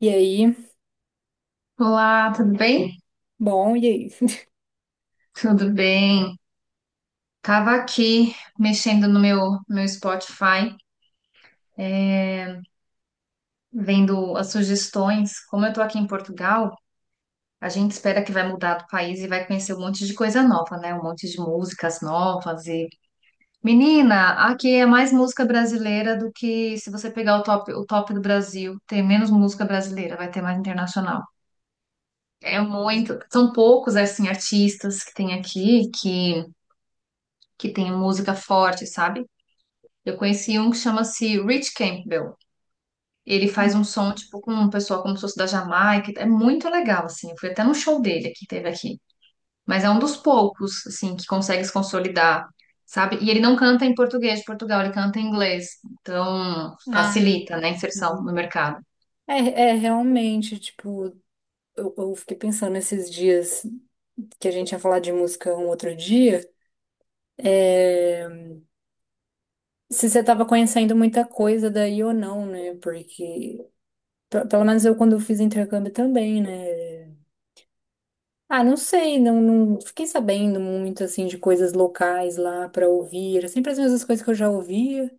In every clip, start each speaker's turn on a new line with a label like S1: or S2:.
S1: E aí?
S2: Olá, tudo bem?
S1: Bom, e aí?
S2: Tudo bem. Tava aqui mexendo no meu Spotify, vendo as sugestões. Como eu tô aqui em Portugal, a gente espera que vai mudar do país e vai conhecer um monte de coisa nova, né? Um monte de músicas novas Menina, aqui é mais música brasileira do que se você pegar o top do Brasil, tem menos música brasileira, vai ter mais internacional. É muito, são poucos assim artistas que tem aqui que tem música forte, sabe? Eu conheci um que chama-se Rich Campbell. Ele faz um som, tipo, com um pessoal como se fosse da Jamaica. É muito legal, assim. Eu fui até num show dele que teve aqui. Mas é um dos poucos, assim, que consegue se consolidar, sabe? E ele não canta em português de Portugal, ele canta em inglês. Então,
S1: Ah,
S2: facilita, né, a inserção no mercado.
S1: É, é realmente, tipo, eu fiquei pensando esses dias que a gente ia falar de música um outro dia, é, se você tava conhecendo muita coisa daí ou não, né? Porque, pelo menos eu quando eu fiz intercâmbio também, né? Ah, não sei, não, não fiquei sabendo muito, assim, de coisas locais lá pra ouvir. Era sempre as mesmas coisas que eu já ouvia.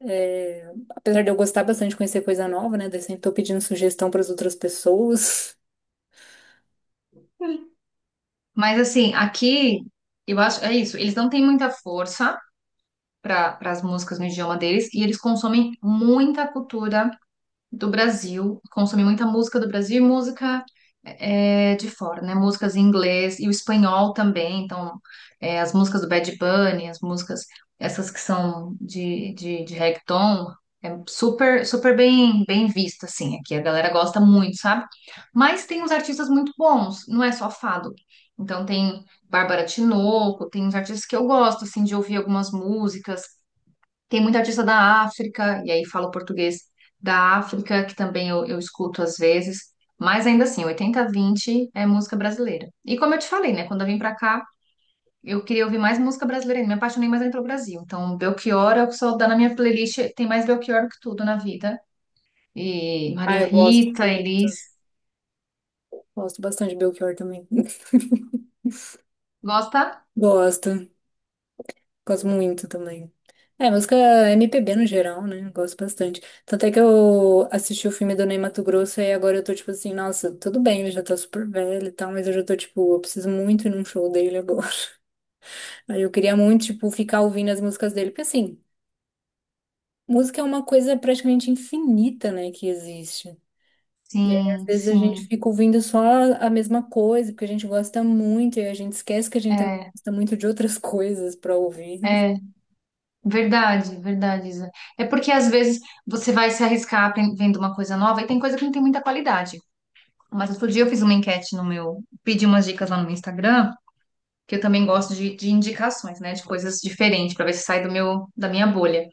S1: É, apesar de eu gostar bastante de conhecer coisa nova, né? Daí sempre tô pedindo sugestão para as outras pessoas.
S2: Mas, assim, aqui, eu acho, é isso. Eles não têm muita força para as músicas no idioma deles e eles consomem muita cultura do Brasil, consumi muita música do Brasil e música de fora, né? Músicas em inglês e o espanhol também. Então, as músicas do Bad Bunny, as músicas, essas que são de reggaeton, é super, super bem vista, assim. Aqui a galera gosta muito, sabe? Mas tem uns artistas muito bons, não é só fado. Então, tem Bárbara Tinoco, tem uns artistas que eu gosto, assim, de ouvir algumas músicas. Tem muita artista da África, e aí falo português da África, que também eu escuto às vezes, mas ainda assim, 80-20 é música brasileira. E como eu te falei, né, quando eu vim pra cá, eu queria ouvir mais música brasileira, ainda, me apaixonei mais ainda pelo Brasil. Então, Belchior é o que só dá na minha playlist, tem mais Belchior do que tudo na vida. E
S1: Ah,
S2: Maria
S1: eu gosto
S2: Rita,
S1: muito.
S2: Elis.
S1: Gosto bastante de Belchior também.
S2: Gosta?
S1: Gosto, gosto muito também. É, música MPB no geral, né? Gosto bastante. Tanto é que eu assisti o filme do Ney Matogrosso e agora eu tô tipo assim, nossa, tudo bem, ele já tá super velho e tal, mas eu já tô tipo, eu preciso muito ir num show dele agora. Aí eu queria muito, tipo, ficar ouvindo as músicas dele, porque assim, música é uma coisa praticamente infinita, né, que existe. E aí, às
S2: Sim,
S1: vezes, a gente
S2: sim.
S1: fica ouvindo só a mesma coisa, porque a gente gosta muito, e a gente esquece que a gente também
S2: É,
S1: gosta muito de outras coisas para ouvir.
S2: é verdade, verdade, Isa. É porque às vezes você vai se arriscar vendo uma coisa nova e tem coisa que não tem muita qualidade. Mas outro dia eu fiz uma enquete no meu, pedi umas dicas lá no meu Instagram, que eu também gosto de indicações, né, de coisas diferentes, para ver se sai do meu, da minha bolha.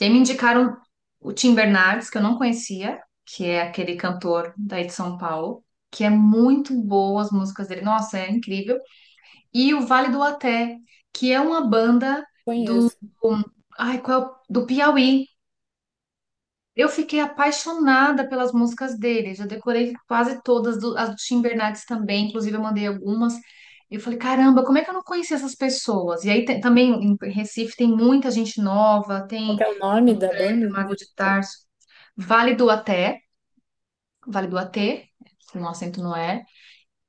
S2: E aí me indicaram o Tim Bernardes, que eu não conhecia, que é aquele cantor daí de São Paulo, que é muito boa as músicas dele, nossa, é incrível. E o Vale do Até, que é uma banda do,
S1: Conheço.
S2: ai, qual, do Piauí. Eu fiquei apaixonada pelas músicas dele. Já decorei quase todas, as do Tim Bernardes também, inclusive eu mandei algumas. Eu falei, caramba, como é que eu não conhecia essas pessoas? E aí também em Recife tem muita gente nova,
S1: Qual
S2: tem
S1: que é o nome
S2: do
S1: da banda?
S2: Trap, Mago
S1: Deixa
S2: de
S1: eu ver.
S2: Tarso, Vale do Até, Vale do Atê, se o acento não é,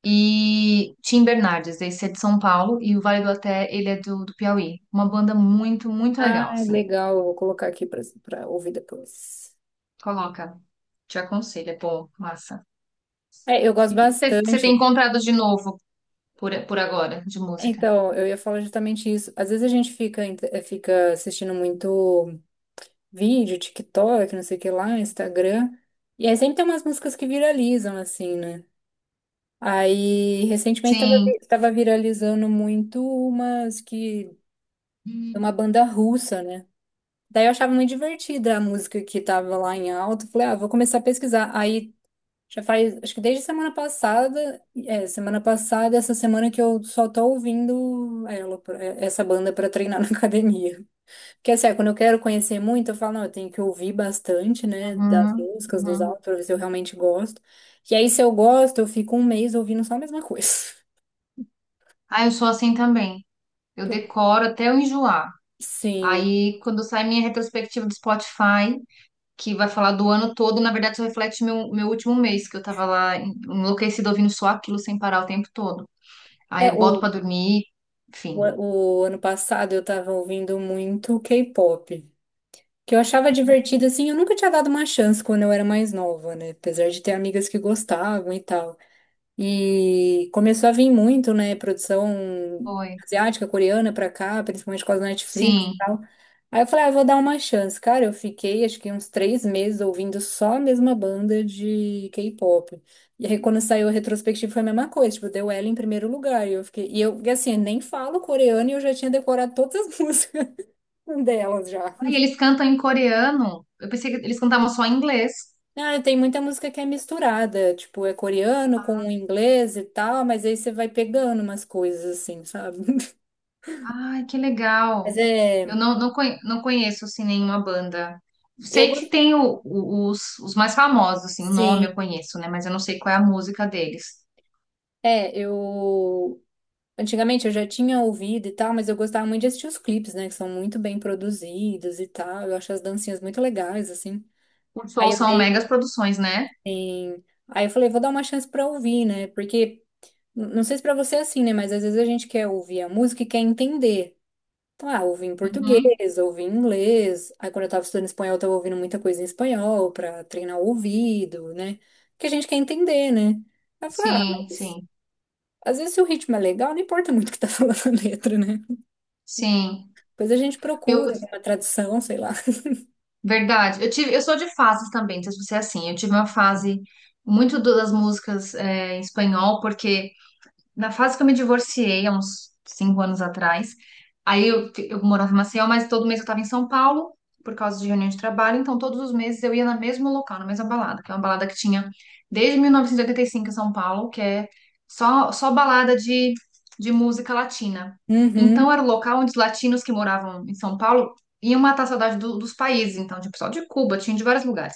S2: e Tim Bernardes, esse é de São Paulo, e o Vale do Até, ele é do Piauí. Uma banda muito, muito legal,
S1: Ah,
S2: assim.
S1: legal, eu vou colocar aqui para ouvir depois.
S2: Coloca, te aconselho, é bom, massa.
S1: É, eu
S2: E
S1: gosto
S2: o que que você tem
S1: bastante.
S2: encontrado de novo por agora, de música?
S1: Então, eu ia falar justamente isso. Às vezes a gente fica, fica assistindo muito vídeo, TikTok, não sei o que lá, Instagram, e aí sempre tem umas músicas que viralizam, assim, né? Aí, recentemente,
S2: Sim.
S1: estava viralizando muito umas que… Uma banda russa, né? Daí eu achava muito divertida a música que tava lá em alta. Falei, ah, vou começar a pesquisar. Aí, já faz… Acho que desde semana passada… É, semana passada, essa semana que eu só tô ouvindo ela, essa banda pra treinar na academia. Porque, assim, é, quando eu quero conhecer muito, eu falo, não, eu tenho que ouvir bastante, né? Das
S2: Uhum,
S1: músicas, dos
S2: uhum.
S1: álbuns, pra ver se eu realmente gosto. E aí, se eu gosto, eu fico um mês ouvindo só a mesma coisa.
S2: Ah, eu sou assim também. Eu decoro até eu enjoar.
S1: Sim.
S2: Aí, quando sai minha retrospectiva do Spotify, que vai falar do ano todo, na verdade só reflete meu último mês, que eu tava lá enlouquecida ouvindo só aquilo sem parar o tempo todo. Aí
S1: É,
S2: eu boto
S1: o,
S2: pra dormir, enfim.
S1: o, o ano passado eu tava ouvindo muito K-pop, que eu achava divertido, assim, eu nunca tinha dado uma chance quando eu era mais nova, né? Apesar de ter amigas que gostavam e tal. E começou a vir muito, né, produção
S2: Foi.
S1: asiática, coreana pra cá, principalmente por causa da Netflix e
S2: Sim.
S1: tal. Aí eu falei, ah, vou dar uma chance. Cara, eu fiquei acho que uns 3 meses ouvindo só a mesma banda de K-pop. E aí quando saiu a retrospectiva foi a mesma coisa, tipo, deu ela em primeiro lugar. E eu fiquei, e assim, nem falo coreano e eu já tinha decorado todas as músicas delas já.
S2: Aí eles cantam em coreano. Eu pensei que eles cantavam só em inglês.
S1: Ah, tem muita música que é misturada, tipo, é coreano com inglês e tal, mas aí você vai pegando umas coisas assim, sabe?
S2: Ai, que
S1: Mas
S2: legal. Eu
S1: é,
S2: não, não, conhe- Não conheço, assim, nenhuma banda.
S1: eu
S2: Sei que
S1: gostei.
S2: tem os mais famosos, assim, o nome
S1: Sim,
S2: eu conheço, né? Mas eu não sei qual é a música deles.
S1: eu antigamente eu já tinha ouvido e tal, mas eu gostava muito de assistir os clipes, né, que são muito bem produzidos e tal. Eu acho as dancinhas muito legais assim.
S2: Os
S1: Aí eu
S2: shows são
S1: dei,
S2: megas produções, né?
S1: aí eu falei, vou dar uma chance pra ouvir, né? Porque não sei se pra você é assim, né, mas às vezes a gente quer ouvir a música e quer entender. Então, ah, ouvi em
S2: Uhum.
S1: português, ouvi em inglês. Aí quando eu tava estudando espanhol, eu tava ouvindo muita coisa em espanhol pra treinar o ouvido, né? Porque a gente quer entender, né? Aí eu falei, ah,
S2: Sim, sim,
S1: às vezes, se o ritmo é legal, não importa muito o que tá falando a letra, né?
S2: sim.
S1: Depois a gente
S2: Eu,
S1: procura uma tradução, sei lá.
S2: verdade. Eu tive, eu sou de fases também, não sei se você é assim. Eu tive uma fase muito das músicas em espanhol, porque na fase que eu me divorciei, há uns cinco anos atrás, aí eu morava em Maceió, mas todo mês eu estava em São Paulo, por causa de reunião de trabalho, então todos os meses eu ia no mesmo local, na mesma balada, que é uma balada que tinha desde 1985 em São Paulo, que é só balada de música latina. Então
S1: Uhum,
S2: era o local onde os latinos que moravam em São Paulo iam matar a saudade dos países, então tinha pessoal de Cuba, tinha de vários lugares.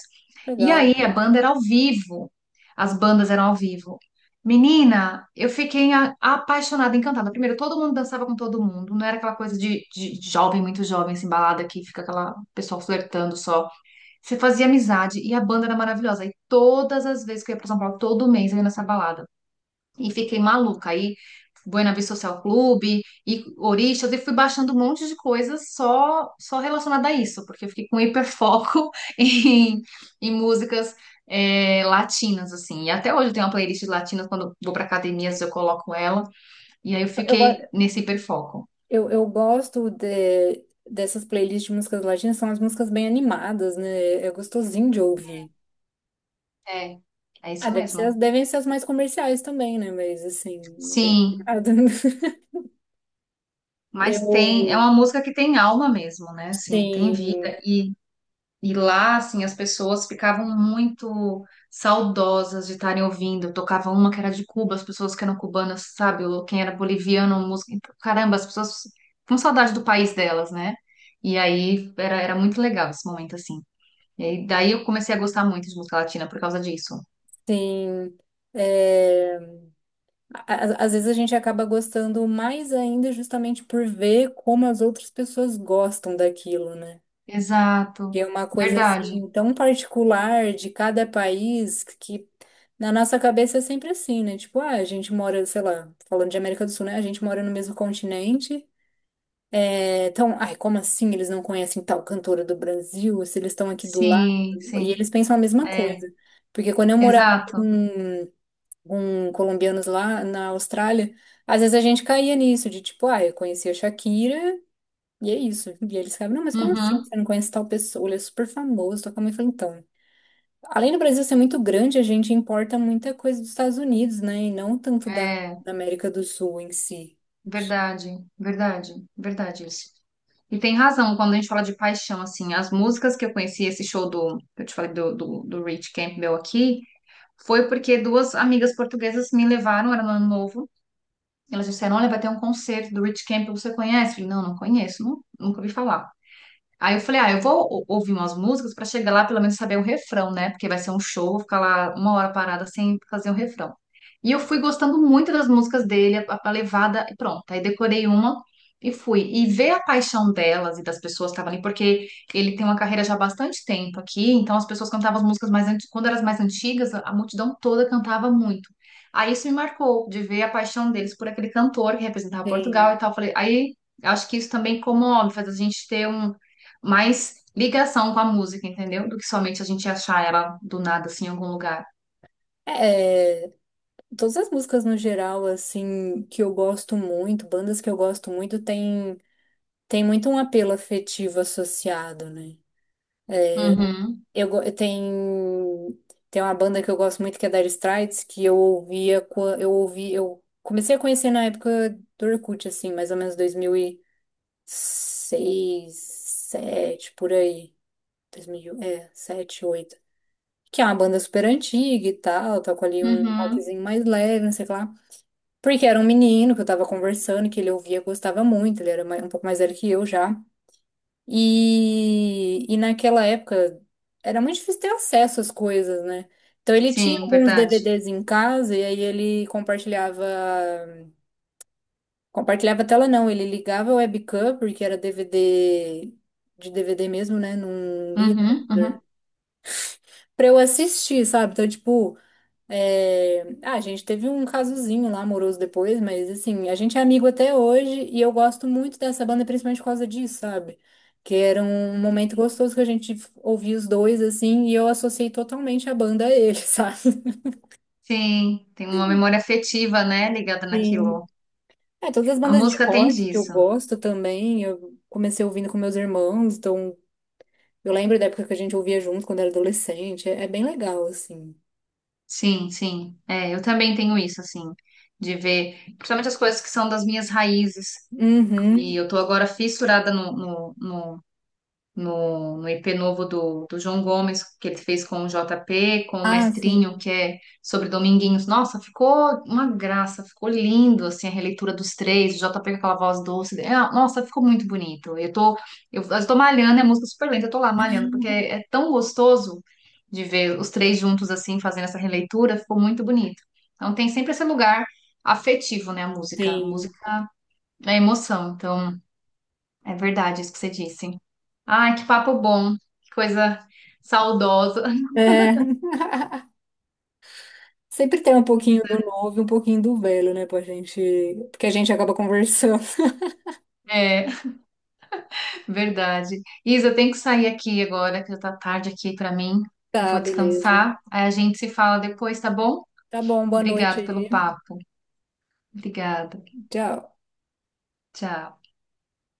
S2: E aí
S1: legal.
S2: a banda era ao vivo. As bandas eram ao vivo. Menina, eu fiquei apaixonada, encantada. Primeiro, todo mundo dançava com todo mundo, não era aquela coisa de jovem, muito jovem, assim, balada que fica aquela pessoa flertando só. Você fazia amizade e a banda era maravilhosa. E todas as vezes que eu ia pra São Paulo, todo mês eu ia nessa balada. E fiquei maluca. Aí, Buena Vista Social Clube e Orixás, e fui baixando um monte de coisas só relacionada a isso, porque eu fiquei com hiperfoco em, em músicas latinas, assim. E até hoje eu tenho uma playlist de latinas, quando eu vou para academias eu coloco ela, e aí eu
S1: Eu, go-
S2: fiquei nesse hiperfoco.
S1: eu gosto de, dessas playlists de músicas latinas, são as músicas bem animadas, né? É gostosinho de ouvir.
S2: É, é
S1: Ah,
S2: isso
S1: deve ser,
S2: mesmo.
S1: devem ser as mais comerciais também, né? Mas, assim, é bem…
S2: Sim,
S1: animado.
S2: mas tem, é
S1: Eu…
S2: uma música que tem alma mesmo, né? Assim, tem
S1: Tem…
S2: vida. E lá, assim, as pessoas ficavam muito saudosas de estarem ouvindo. Eu tocava uma que era de Cuba, as pessoas que eram cubanas, sabe? Ou quem era boliviano, música. Então, caramba, as pessoas com saudade do país delas, né? E aí era muito legal esse momento, assim. Daí eu comecei a gostar muito de música latina por causa disso.
S1: Tem… às vezes a gente acaba gostando mais ainda justamente por ver como as outras pessoas gostam daquilo, né? Que
S2: Exato.
S1: é uma coisa
S2: Verdade.
S1: assim tão particular de cada país que na nossa cabeça é sempre assim, né? Tipo, ah, a gente mora, sei lá, falando de América do Sul, né? A gente mora no mesmo continente. Então, ai, como assim eles não conhecem tal cantora do Brasil? Se eles estão aqui do lado?
S2: Sim,
S1: E
S2: sim.
S1: eles pensam a mesma
S2: É,
S1: coisa. Porque quando eu morava com
S2: exato.
S1: com colombianos lá na Austrália, às vezes a gente caía nisso, de tipo, ah, eu conheci a Shakira e é isso. E eles ficavam, não, mas como assim?
S2: Uhum.
S1: Você não conhece tal pessoa? Ele é super famoso, toca muito. Eu falei, então, além do Brasil ser muito grande, a gente importa muita coisa dos Estados Unidos, né? E não tanto
S2: É.
S1: da América do Sul em si.
S2: Verdade, verdade, verdade isso. E tem razão quando a gente fala de paixão, assim, as músicas que eu conheci, esse show do, que eu te falei do Rich Campbell aqui, foi porque duas amigas portuguesas me levaram, era no ano novo, elas disseram, olha, vai ter um concerto do Rich Campbell, você conhece? Eu falei, não, não conheço, nunca ouvi falar. Aí eu falei, ah, eu vou ouvir umas músicas pra chegar lá pelo menos saber o refrão, né? Porque vai ser um show, vou ficar lá uma hora parada sem fazer o refrão. E eu fui gostando muito das músicas dele, a levada, e pronto. Aí decorei uma e fui. E ver a paixão delas e das pessoas que estavam ali, porque ele tem uma carreira já há bastante tempo aqui, então as pessoas cantavam as músicas mais antigas, quando eram as mais antigas, a multidão toda cantava muito. Aí isso me marcou, de ver a paixão deles por aquele cantor que representava Portugal
S1: Tem.
S2: e tal. Falei, aí acho que isso também comove, faz a gente ter um mais ligação com a música, entendeu? Do que somente a gente achar ela do nada, assim, em algum lugar.
S1: É, todas as músicas no geral, assim, que eu gosto muito, bandas que eu gosto muito, tem muito um apelo afetivo associado, né?
S2: Uhum,
S1: Eu tem uma banda que eu gosto muito que é Dire Straits, que eu ouvia eu ouvi eu comecei a conhecer na época do Orkut assim, mais ou menos 2006, 2007 por aí. 2007, 2008 que é uma banda super antiga e tal, toco ali um
S2: uhum.
S1: rockzinho mais leve, não sei o que lá. Porque era um menino que eu tava conversando, que ele ouvia, gostava muito, ele era um pouco mais velho que eu já. E naquela época era muito difícil ter acesso às coisas, né? Então ele tinha
S2: Sim,
S1: alguns
S2: verdade.
S1: DVDs em casa e aí ele compartilhava, compartilhava a tela não, ele ligava a webcam porque era DVD de DVD mesmo, né? Não lia
S2: Uhum,
S1: computador.
S2: uhum.
S1: Pra eu assistir, sabe? Então, tipo, a gente teve um casozinho lá amoroso depois, mas assim, a gente é amigo até hoje e eu gosto muito dessa banda principalmente por causa disso, sabe? Que era um momento gostoso que a gente ouvia os dois assim e eu associei totalmente a banda a ele, sabe?
S2: Sim, tem uma memória afetiva, né, ligada
S1: Sim.
S2: naquilo.
S1: É, todas as
S2: A
S1: bandas de
S2: música tem
S1: rock que eu
S2: disso.
S1: gosto também, eu comecei ouvindo com meus irmãos, então eu lembro da época que a gente ouvia junto quando era adolescente, é, é bem legal assim.
S2: Sim, sim. É, eu também tenho isso, assim, de ver, principalmente as coisas que são das minhas raízes. E
S1: Uhum.
S2: eu tô agora fissurada no IP novo do João Gomes, que ele fez com o JP, com o
S1: Ah, sim.
S2: Mestrinho, que é sobre Dominguinhos. Nossa, ficou uma graça, ficou lindo, assim, a releitura dos três, o JP com aquela voz doce. É, nossa, ficou muito bonito. Eu tô malhando, é música super lenta, eu tô lá malhando, porque é tão gostoso de ver os três juntos, assim, fazendo essa releitura, ficou muito bonito. Então tem sempre esse lugar afetivo, né, a música. A
S1: Sim.
S2: música é emoção, então... É verdade isso que você disse. Ai, que papo bom, que coisa saudosa.
S1: É. Sempre tem um pouquinho do novo e um pouquinho do velho, né, pra gente. Porque a gente acaba conversando.
S2: É, verdade. Isa, eu tenho que sair aqui agora, que já tá tarde aqui pra mim.
S1: Tá,
S2: Vou
S1: beleza.
S2: descansar. Aí a gente se fala depois, tá bom?
S1: Tá bom, boa noite
S2: Obrigado
S1: aí.
S2: pelo papo. Obrigada.
S1: Tchau.
S2: Tchau.